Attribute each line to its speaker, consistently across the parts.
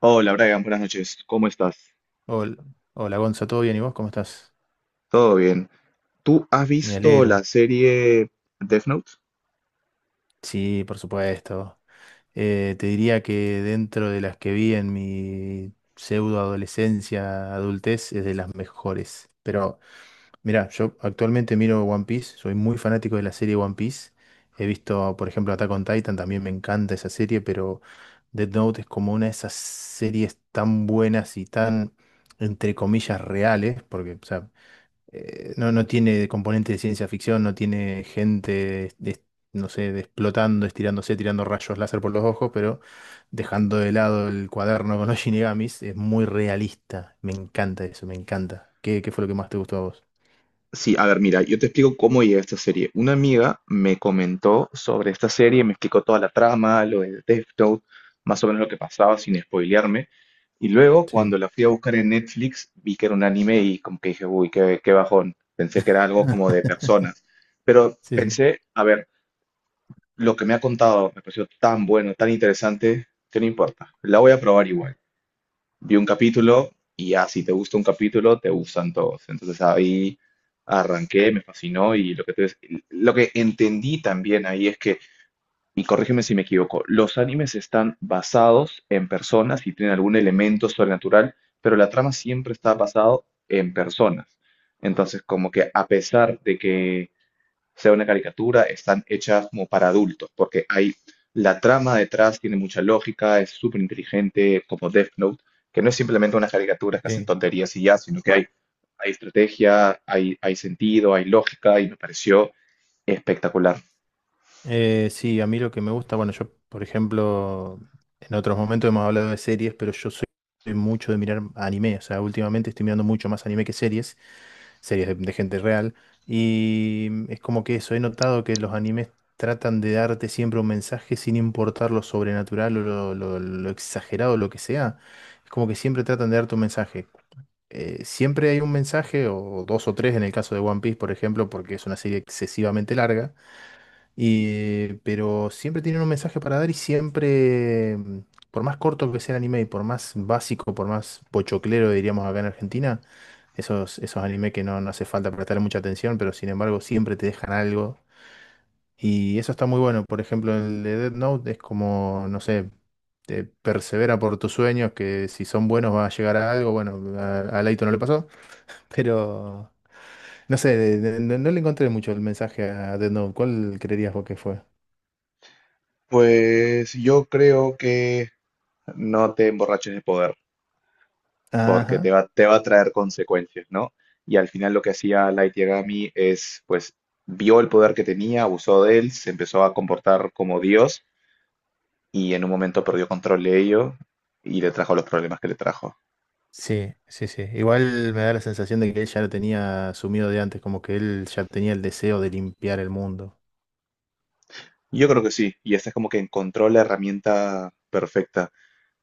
Speaker 1: Hola Brian, buenas noches. ¿Cómo estás?
Speaker 2: Hola, hola Gonza, ¿todo bien? ¿Y vos cómo estás?
Speaker 1: ¿Todo bien? ¿Tú has
Speaker 2: Me
Speaker 1: visto la
Speaker 2: alegro.
Speaker 1: serie Death Note?
Speaker 2: Sí, por supuesto. Te diría que dentro de las que vi en mi pseudo adolescencia, adultez, es de las mejores. Pero mira, yo actualmente miro One Piece, soy muy fanático de la serie One Piece. He visto, por ejemplo, Attack on Titan, también me encanta esa serie, pero Death Note es como una de esas series tan buenas y tan, entre comillas, reales, porque, o sea, no, no tiene componente de ciencia ficción, no tiene gente, no sé, explotando, estirándose, tirando rayos láser por los ojos, pero dejando de lado el cuaderno con los Shinigamis, es muy realista. Me encanta eso, me encanta. ¿Qué, qué fue lo que más te gustó a vos?
Speaker 1: Sí, a ver, mira, yo te explico cómo llegué a esta serie. Una amiga me comentó sobre esta serie, me explicó toda la trama, lo de Death Note, más o menos lo que pasaba sin spoilearme. Y luego,
Speaker 2: Sí.
Speaker 1: cuando la fui a buscar en Netflix, vi que era un anime y como que dije, uy, qué, qué bajón. Pensé que era algo como de personas. Pero
Speaker 2: Sí, sí.
Speaker 1: pensé, a ver, lo que me ha contado me pareció tan bueno, tan interesante, que no importa. La voy a probar igual. Vi un capítulo y ya, si te gusta un capítulo, te gustan todos. Entonces ahí arranqué, me fascinó y lo que entendí también ahí es que, y corrígeme si me equivoco, los animes están basados en personas y tienen algún elemento sobrenatural, pero la trama siempre está basado en personas. Entonces, como que a pesar de que sea una caricatura, están hechas como para adultos, porque hay la trama detrás, tiene mucha lógica, es súper inteligente, como Death Note, que no es simplemente unas caricaturas que hacen
Speaker 2: Sí.
Speaker 1: tonterías y ya, sino que hay estrategia, hay sentido, hay lógica, y me pareció espectacular.
Speaker 2: Sí, a mí lo que me gusta, bueno, yo, por ejemplo, en otros momentos hemos hablado de series, pero yo soy mucho de mirar anime, o sea, últimamente estoy mirando mucho más anime que series, series de gente real, y es como que eso, he notado que los animes tratan de darte siempre un mensaje sin importar lo sobrenatural o lo exagerado, lo que sea, es como que siempre tratan de darte un mensaje. Siempre hay un mensaje, o dos o tres en el caso de One Piece, por ejemplo, porque es una serie excesivamente larga pero siempre tienen un mensaje para dar y siempre, por más corto que sea el anime y por más básico, por más pochoclero, diríamos acá en Argentina, esos, esos anime que no, no hace falta prestar mucha atención, pero sin embargo siempre te dejan algo. Y eso está muy bueno. Por ejemplo, el de Death Note es como, no sé, te persevera por tus sueños, que si son buenos va a llegar a algo. Bueno, a Leito no le pasó, pero no sé, no, no le encontré mucho el mensaje a Death Note. ¿Cuál creerías vos que fue?
Speaker 1: Pues yo creo que no te emborraches de poder, porque te
Speaker 2: Ajá.
Speaker 1: va, te va a traer consecuencias, ¿no? Y al final lo que hacía Light Yagami es, pues, vio el poder que tenía, abusó de él, se empezó a comportar como Dios y en un momento perdió control de ello y le trajo los problemas que le trajo.
Speaker 2: Sí, sí, sí. Igual me da la sensación de que él ya lo tenía asumido de antes, como que él ya tenía el deseo de limpiar el mundo.
Speaker 1: Yo creo que sí, y esta es como que encontró la herramienta perfecta.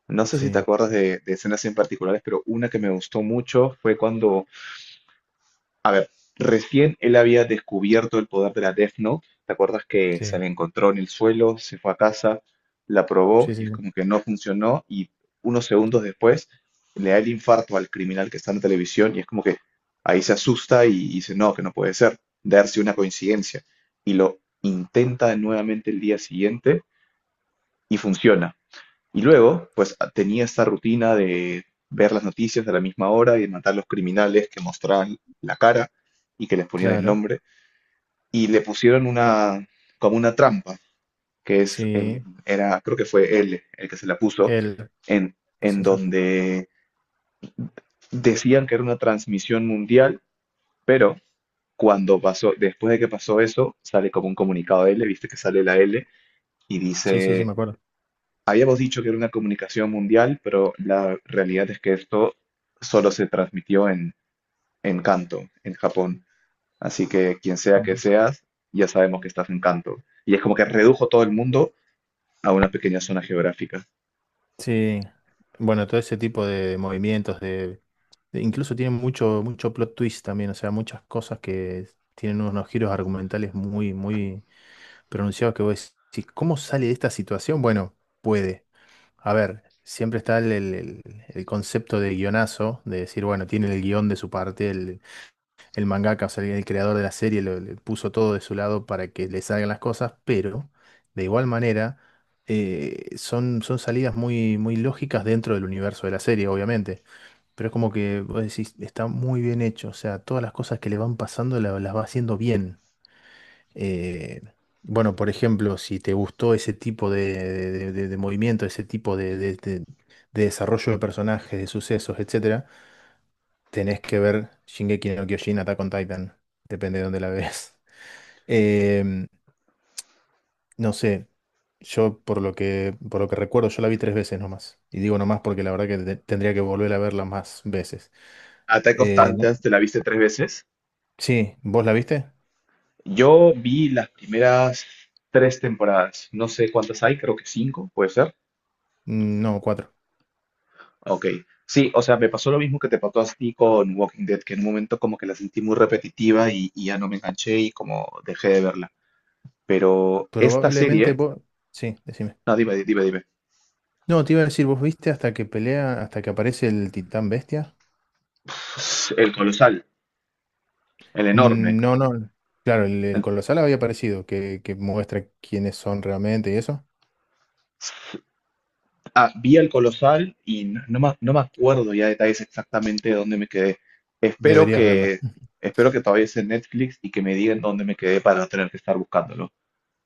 Speaker 1: No sé si te
Speaker 2: Sí,
Speaker 1: acuerdas de escenas en particulares, pero una que me gustó mucho fue cuando a ver, recién él había descubierto el poder de la Death Note. ¿Te acuerdas que se
Speaker 2: sí,
Speaker 1: la encontró en el suelo, se fue a casa, la probó
Speaker 2: sí,
Speaker 1: y es
Speaker 2: sí,
Speaker 1: como que no funcionó y unos segundos después le da el infarto al criminal que está en la televisión y es como que ahí se asusta y dice, no, que no puede ser, darse una coincidencia? Y lo intenta nuevamente el día siguiente y funciona. Y luego, pues tenía esta rutina de ver las noticias a la misma hora y de matar a los criminales que mostraban la cara y que les ponían el
Speaker 2: claro.
Speaker 1: nombre. Y le pusieron una, como una trampa, que es, el-
Speaker 2: Sí,
Speaker 1: era, creo que fue él el que se la puso,
Speaker 2: él.
Speaker 1: en,
Speaker 2: Sí,
Speaker 1: en
Speaker 2: sí, sí.
Speaker 1: donde decían que era una transmisión mundial, pero cuando pasó, después de que pasó eso, sale como un comunicado de L, viste que sale la L y
Speaker 2: Sí, sí, sí, me
Speaker 1: dice
Speaker 2: acuerdo.
Speaker 1: hemos dicho que era una comunicación mundial, pero la realidad es que esto solo se transmitió en Kanto, en Japón. Así que quien sea que
Speaker 2: Ujú.
Speaker 1: seas, ya sabemos que estás en Kanto. Y es como que redujo todo el mundo a una pequeña zona geográfica.
Speaker 2: Sí. Bueno, todo ese tipo de movimientos, incluso tienen mucho, mucho plot twist también, o sea, muchas cosas que tienen unos giros argumentales muy, muy pronunciados que vos decís, ¿cómo sale de esta situación? Bueno, puede. A ver, siempre está el concepto de guionazo, de decir, bueno, tiene el guión de su parte, el mangaka, o sea, el creador de la serie le puso todo de su lado para que le salgan las cosas, pero de igual manera son, son salidas muy, muy lógicas dentro del universo de la serie, obviamente. Pero es como que vos decís, está muy bien hecho, o sea, todas las cosas que le van pasando las va haciendo bien. Eh, bueno, por ejemplo, si te gustó ese tipo de, de movimiento, ese tipo de, de desarrollo de personajes, de sucesos, etcétera, tenés que ver Shingeki no Kyojin, Attack on Titan, depende de dónde la ves. Em, no sé, yo por lo que recuerdo, yo la vi tres veces nomás. Y digo nomás porque la verdad que tendría que volver a verla más veces.
Speaker 1: Attack of
Speaker 2: Eh, no-
Speaker 1: Titans, ¿te la viste tres veces?
Speaker 2: sí, ¿vos la viste?
Speaker 1: Yo vi las primeras tres temporadas. No sé cuántas hay, creo que cinco, puede ser.
Speaker 2: No, cuatro.
Speaker 1: Ok, sí, o sea, me pasó lo mismo que te pasó a ti con Walking Dead, que en un momento como que la sentí muy repetitiva y ya no me enganché y como dejé de verla. Pero esta
Speaker 2: Probablemente
Speaker 1: serie,
Speaker 2: vos... Sí, decime.
Speaker 1: no, dime, dime, dime,
Speaker 2: No, te iba a decir, ¿vos viste hasta que pelea, hasta que aparece el titán bestia?
Speaker 1: el colosal, el enorme.
Speaker 2: No, no, claro, el
Speaker 1: El-
Speaker 2: colosal había aparecido, que muestra quiénes son realmente y eso.
Speaker 1: ah, vi el colosal y no, no me acuerdo ya detalles exactamente de dónde me quedé. Espero
Speaker 2: Deberías verla.
Speaker 1: que, espero que todavía esté en Netflix y que me digan dónde me quedé para no tener que estar buscándolo.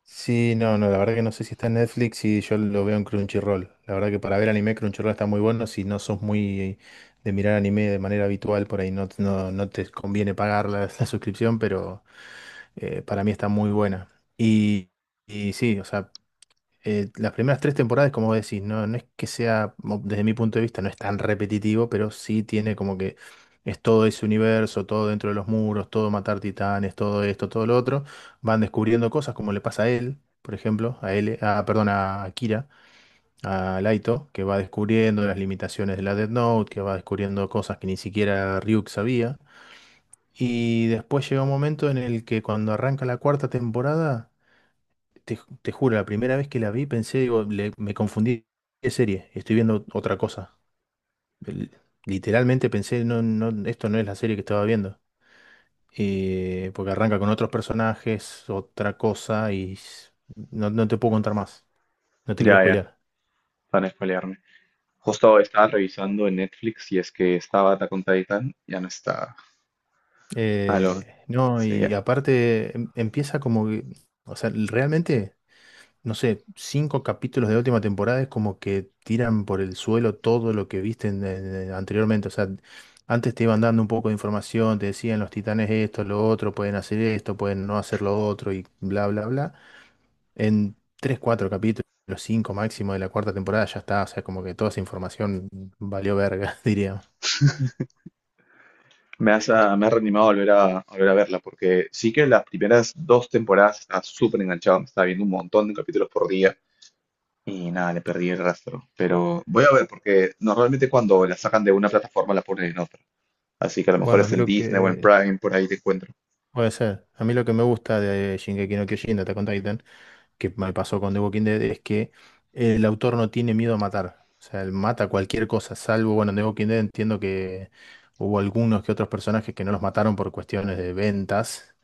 Speaker 2: Sí, no, no, la verdad que no sé si está en Netflix y yo lo veo en Crunchyroll. La verdad que para ver anime Crunchyroll está muy bueno, si no sos muy de mirar anime de manera habitual, por ahí no, no, no te conviene pagar la, la suscripción, pero para mí está muy buena. Y, y sí, o sea... las primeras tres temporadas, como decís, no, no es que sea, desde mi punto de vista, no es tan repetitivo, pero sí tiene como que es todo ese universo, todo dentro de los muros, todo matar titanes, todo esto, todo lo otro. Van descubriendo cosas como le pasa a él, por ejemplo, a él, a, perdón, a Kira, a Laito, que va descubriendo las limitaciones de la Death Note, que va descubriendo cosas que ni siquiera Ryuk sabía. Y después llega un momento en el que cuando arranca la cuarta temporada. Te, te juro, la primera vez que la vi pensé, digo, me confundí de serie, estoy viendo otra cosa. El- literalmente pensé, no, no, esto no es la serie que estaba viendo. Porque arranca con otros personajes, otra cosa, y no, no te puedo contar más, no te quiero
Speaker 1: Ya, ya,
Speaker 2: spoilear.
Speaker 1: para no spoilearme. Justo estaba revisando en Netflix y es que estaba Attack on Titan, ya no está. Aló,
Speaker 2: No,
Speaker 1: sí,
Speaker 2: y
Speaker 1: ya.
Speaker 2: aparte empieza como que, o sea, realmente... no sé, cinco capítulos de la última temporada es como que tiran por el suelo todo lo que viste anteriormente. O sea, antes te iban dando un poco de información, te decían los titanes esto, lo otro, pueden hacer esto, pueden no hacer lo otro y bla, bla, bla. En tres, cuatro capítulos, cinco máximo de la cuarta temporada ya está. O sea, como que toda esa información valió verga, diría.
Speaker 1: Me has, ah, me has reanimado a volver a verla, porque sí que las primeras dos temporadas estaba súper enganchado, me estaba viendo un montón de capítulos por día y nada, le perdí el rastro. Pero voy a ver, porque normalmente cuando la sacan de una plataforma la ponen en otra. Así que a lo mejor
Speaker 2: Bueno, a
Speaker 1: es
Speaker 2: mí
Speaker 1: en
Speaker 2: lo
Speaker 1: Disney o en
Speaker 2: que...
Speaker 1: Prime, por ahí te encuentro.
Speaker 2: Puede ser. A mí lo que me gusta de Shingeki no Kyojin, de Attack on Titan, que me pasó con The Walking Dead es que el autor no tiene miedo a matar. O sea, él mata cualquier cosa, salvo, bueno, en The Walking Dead entiendo que hubo algunos que otros personajes que no los mataron por cuestiones de ventas,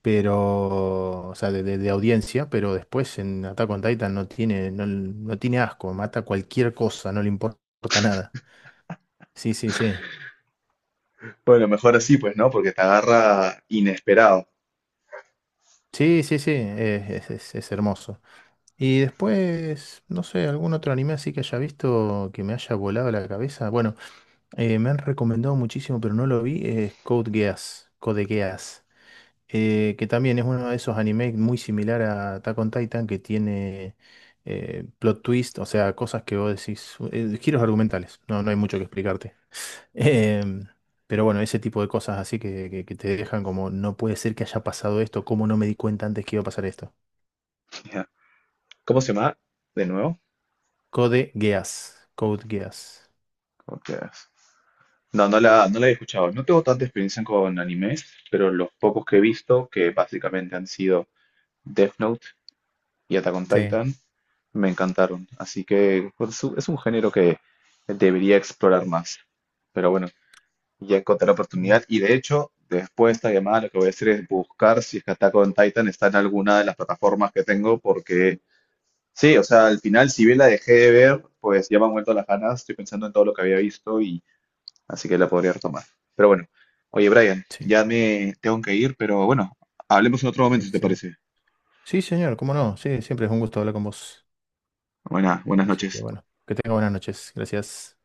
Speaker 2: pero, o sea, de, de audiencia, pero después en Attack on Titan no tiene, no, no tiene asco, mata cualquier cosa, no le importa nada. Sí, sí, sí.
Speaker 1: Bueno, mejor así, pues, ¿no? Porque te agarra inesperado.
Speaker 2: Sí, sí, sí, es, es hermoso. Y después, no sé, algún otro anime así que haya visto que me haya volado la cabeza. Bueno, me han recomendado muchísimo, pero no lo vi, es Code Geass, Code Geass, que también es uno de esos animes muy similar a Attack on Titan, que tiene plot twist, o sea, cosas que vos decís, giros argumentales, no, no hay mucho que explicarte. Em, pero bueno, ese tipo de cosas así que, que te dejan como, no puede ser que haya pasado esto, ¿cómo no me di cuenta antes que iba a pasar esto?
Speaker 1: Ya. ¿Cómo se llama? De nuevo.
Speaker 2: Code Geass, Code Geass.
Speaker 1: Ok. No, no la he escuchado. No tengo tanta experiencia con animes, pero los pocos que he visto, que básicamente han sido Death Note y Attack on
Speaker 2: Sí.
Speaker 1: Titan, me encantaron. Así que es un género que debería explorar más. Pero bueno, ya encontré la
Speaker 2: Mm,
Speaker 1: oportunidad. Y de hecho, después de esta llamada, lo que voy a hacer es buscar si es que Attack on Titan está en alguna de las plataformas que tengo, porque sí, o sea, al final, si bien la dejé de ver, pues ya me han vuelto las ganas. Estoy pensando en todo lo que había visto, así que la podría retomar. Pero bueno, oye, Brian,
Speaker 2: sí,
Speaker 1: ya me tengo que ir, pero bueno, hablemos en otro momento si te
Speaker 2: excelente.
Speaker 1: parece.
Speaker 2: Sí, señor, cómo no, sí, siempre es un gusto hablar con vos.
Speaker 1: Buenas
Speaker 2: Así que
Speaker 1: noches.
Speaker 2: bueno, que tenga buenas noches. Gracias.